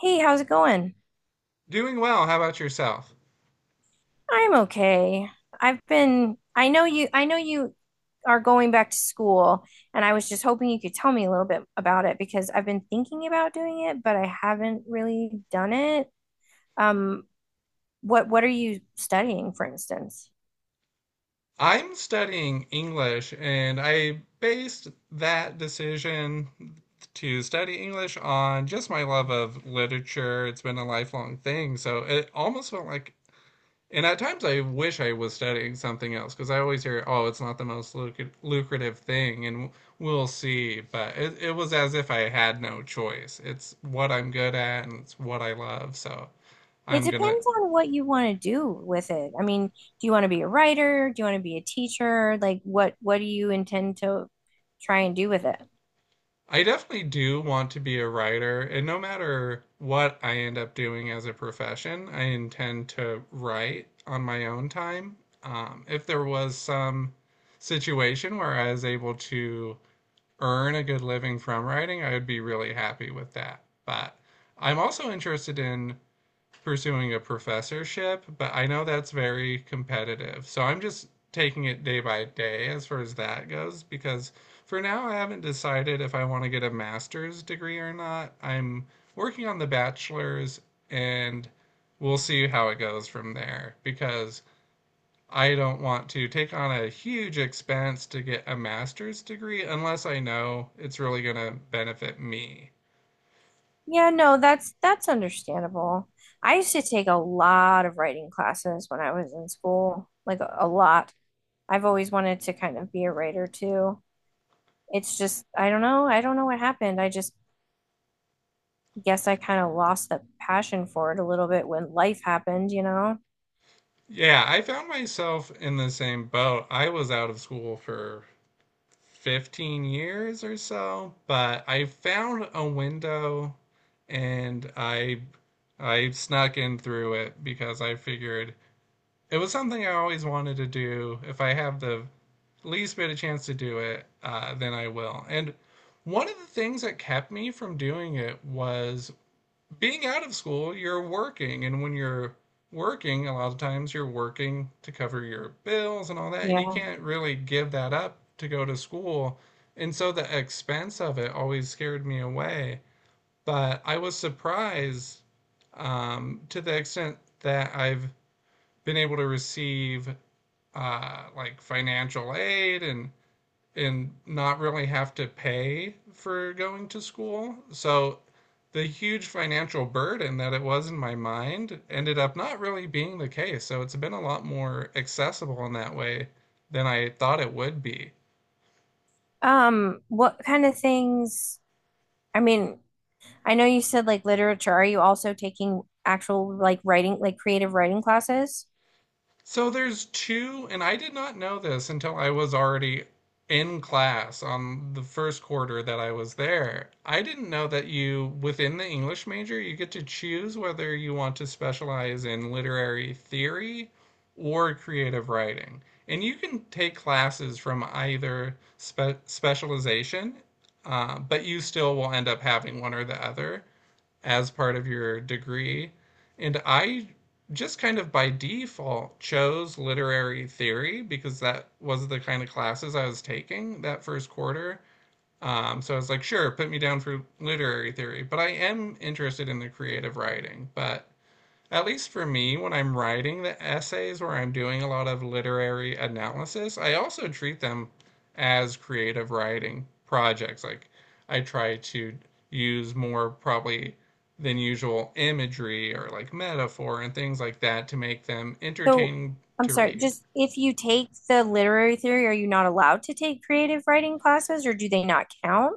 Hey, how's it going? Doing well. How about yourself? I'm okay. I know you are going back to school, and I was just hoping you could tell me a little bit about it because I've been thinking about doing it, but I haven't really done it. Um, what are you studying, for instance? I'm studying English, and I based that decision to study English on just my love of literature. It's been a lifelong thing, so it almost felt like, and at times I wish I was studying something else because I always hear, oh, it's not the most lucrative thing, and we'll see. But it was as if I had no choice. It's what I'm good at, and it's what I love, so It I'm gonna depends on what you want to do with it. I mean, do you want to be a writer? Do you want to be a teacher? Like what do you intend to try and do with it? I definitely do want to be a writer, and no matter what I end up doing as a profession, I intend to write on my own time. If there was some situation where I was able to earn a good living from writing, I would be really happy with that. But I'm also interested in pursuing a professorship, but I know that's very competitive. So I'm just taking it day by day as far as that goes because for now I haven't decided if I want to get a master's degree or not. I'm working on the bachelor's and we'll see how it goes from there because I don't want to take on a huge expense to get a master's degree unless I know it's really going to benefit me. Yeah, no, that's understandable. I used to take a lot of writing classes when I was in school, like a lot. I've always wanted to kind of be a writer too. It's just, I don't know what happened. I just guess I kind of lost the passion for it a little bit when life happened, Yeah, I found myself in the same boat. I was out of school for 15 years or so, but I found a window and I snuck in through it because I figured it was something I always wanted to do. If I have the least bit of chance to do it, then I will. And one of the things that kept me from doing it was being out of school, you're working, and when you're working, a lot of times you're working to cover your bills and all that, and you Yeah. can't really give that up to go to school. And so the expense of it always scared me away. But I was surprised to the extent that I've been able to receive like financial aid and not really have to pay for going to school. So the huge financial burden that it was in my mind ended up not really being the case. So it's been a lot more accessible in that way than I thought it would be. What kind of things, I mean, I know you said like literature. Are you also taking actual like writing, like creative writing classes? So there's two, and I did not know this until I was already in class on the first quarter that I was there. I didn't know that you, within the English major, you get to choose whether you want to specialize in literary theory or creative writing. And you can take classes from either specialization, but you still will end up having one or the other as part of your degree. And I just kind of by default chose literary theory because that was the kind of classes I was taking that first quarter. So I was like, sure, put me down for literary theory, but I am interested in the creative writing. But at least for me, when I'm writing the essays where I'm doing a lot of literary analysis, I also treat them as creative writing projects. Like I try to use more probably than usual imagery or like metaphor and things like that to make them So entertaining I'm to sorry, read. just if you take the literary theory, are you not allowed to take creative writing classes or do they not count?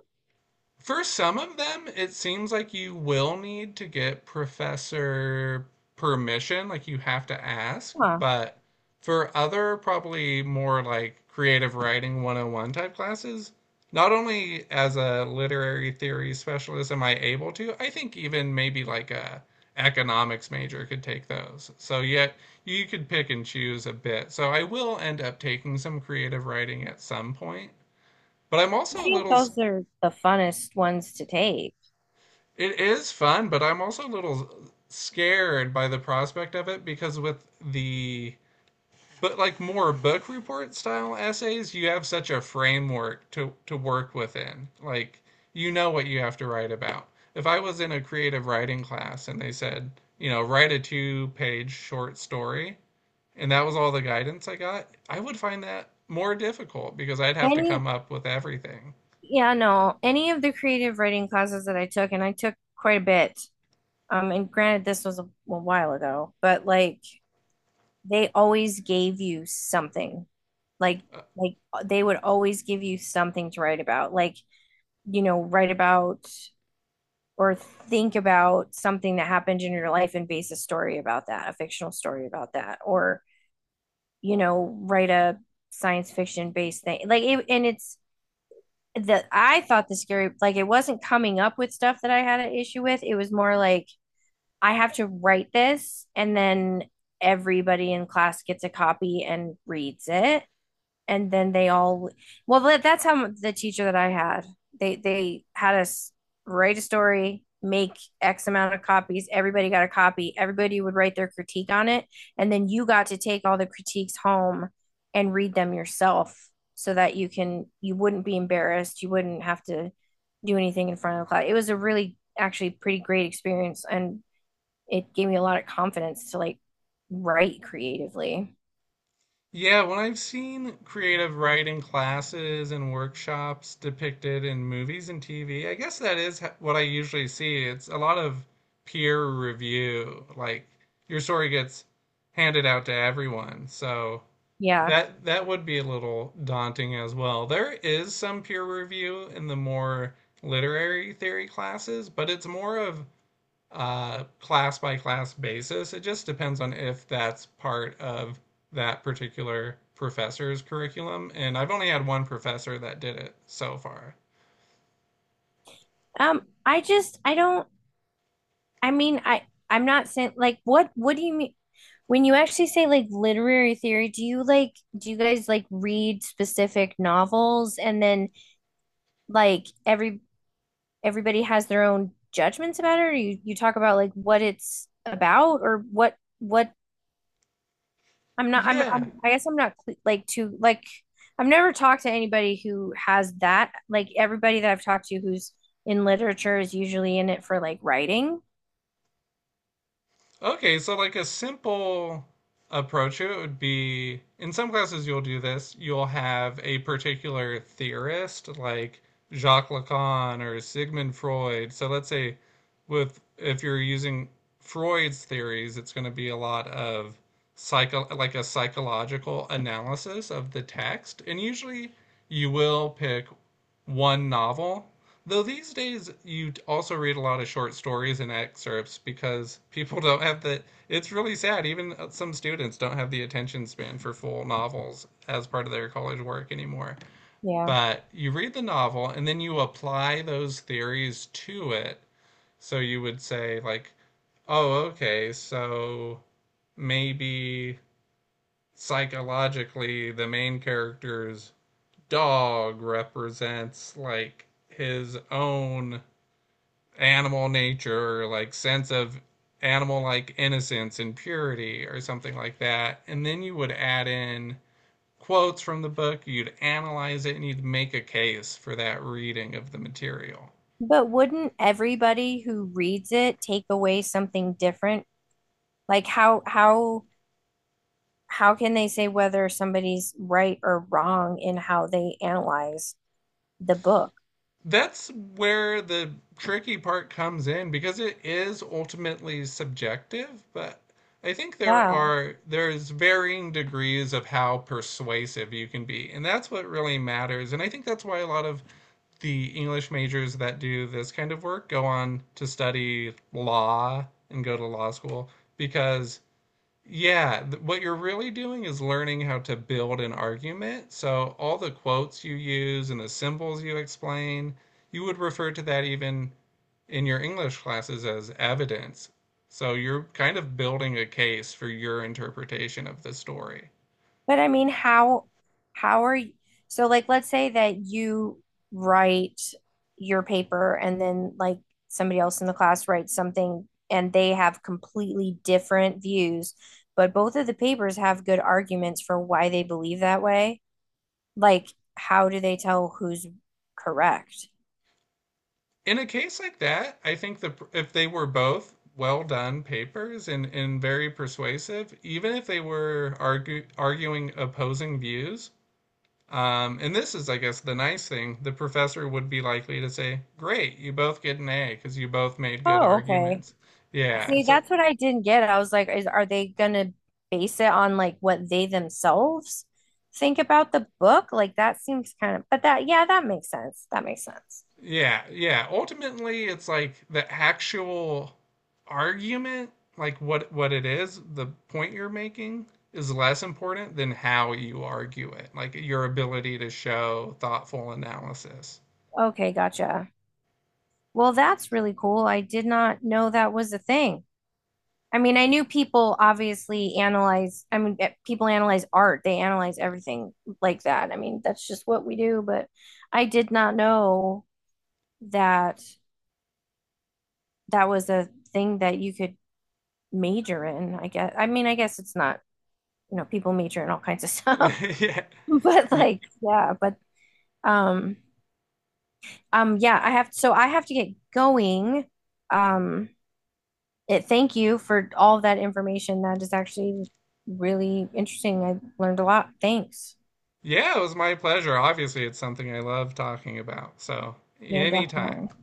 For some of them, it seems like you will need to get professor permission, like you have to ask, Huh. but for other probably more like creative writing 101 type classes, not only as a literary theory specialist am I able to, I think even maybe like a economics major could take those. So yet you could pick and choose a bit. So I will end up taking some creative writing at some point. But I'm also I a think little those are the funnest ones to take. It is fun, but I'm also a little scared by the prospect of it because with the but like more book report style essays, you have such a framework to work within. Like you know what you have to write about. If I was in a creative writing class and they said, you know, write a two-page short story, and that was all the guidance I got, I would find that more difficult because I'd have to Any, come up with everything. yeah, no, any of the creative writing classes that I took, and I took quite a bit. And granted, this was a while ago, but like they always gave you something. Like, like, they would always give you something to write about. Like, you know, write about or think about something that happened in your life and base a story about that, a fictional story about that, or you know, write a science fiction based thing. And it's that I thought the scary, like, it wasn't coming up with stuff that I had an issue with. It was more like I have to write this, and then everybody in class gets a copy and reads it and then they all well that's how the teacher that I had, they had us write a story, make X amount of copies, everybody got a copy, everybody would write their critique on it, and then you got to take all the critiques home and read them yourself so that you wouldn't be embarrassed, you wouldn't have to do anything in front of the class. It was a really actually pretty great experience, and it gave me a lot of confidence to like write creatively. Yeah, when I've seen creative writing classes and workshops depicted in movies and TV, I guess that is what I usually see. It's a lot of peer review. Like your story gets handed out to everyone. So Yeah. that would be a little daunting as well. There is some peer review in the more literary theory classes, but it's more of class by class basis. It just depends on if that's part of that particular professor's curriculum. And I've only had one professor that did it so far. I don't, I mean, I'm not saying like what do you mean when you actually say like literary theory. Do you like do you guys like read specific novels and then like every everybody has their own judgments about it, or you talk about like what it's about or what. I'm, Yeah. I guess I'm not like too like I've never talked to anybody who has that. Like everybody that I've talked to who's in literature is usually in it for like writing. Okay, so like a simple approach to it would be in some classes you'll do this. You'll have a particular theorist like Jacques Lacan or Sigmund Freud. So let's say with if you're using Freud's theories, it's going to be a lot of psycho like a psychological analysis of the text. And usually you will pick one novel. Though these days you also read a lot of short stories and excerpts because people don't have the. It's really sad. Even some students don't have the attention span for full novels as part of their college work anymore. Yeah. But you read the novel and then you apply those theories to it. So you would say, like, oh, okay, so maybe psychologically the main character's dog represents, like, his own animal nature or like sense of animal like innocence and purity or something like that. And then you would add in quotes from the book, you'd analyze it, and you'd make a case for that reading of the material. But wouldn't everybody who reads it take away something different? Like how how can they say whether somebody's right or wrong in how they analyze the book? That's where the tricky part comes in because it is ultimately subjective, but I think there Yeah. are there's varying degrees of how persuasive you can be. And that's what really matters. And I think that's why a lot of the English majors that do this kind of work go on to study law and go to law school because yeah, what you're really doing is learning how to build an argument. So all the quotes you use and the symbols you explain, you would refer to that even in your English classes as evidence. So you're kind of building a case for your interpretation of the story. But I mean, how are you, so like let's say that you write your paper and then like somebody else in the class writes something and they have completely different views, but both of the papers have good arguments for why they believe that way. Like, how do they tell who's correct? In a case like that, I think the if they were both well done papers and very persuasive, even if they were arguing opposing views, and this is, I guess, the nice thing, the professor would be likely to say, "Great, you both get an A because you both made good Oh, okay. arguments." Yeah, See, so that's what I didn't get. I was like, is are they gonna base it on like what they themselves think about the book? Like that seems kind of, but that yeah, that makes sense. That makes sense. yeah, yeah. Ultimately, it's like the actual argument, like what it is, the point you're making is less important than how you argue it, like your ability to show thoughtful analysis. Okay, gotcha. Well, that's really cool. I did not know that was a thing. I mean, I knew people obviously analyze, I mean, people analyze art. They analyze everything like that. I mean, that's just what we do, but I did not know that that was a thing that you could major in, I guess. I mean, I guess it's not, you know, people major in all kinds of stuff, Yeah. but Ye- like, yeah, but um yeah, I have to get going. Um it thank you for all that information. That is actually really interesting. I learned a lot. Thanks. Yeah, it was my pleasure. Obviously, it's something I love talking about. So, Yeah, anytime. definitely.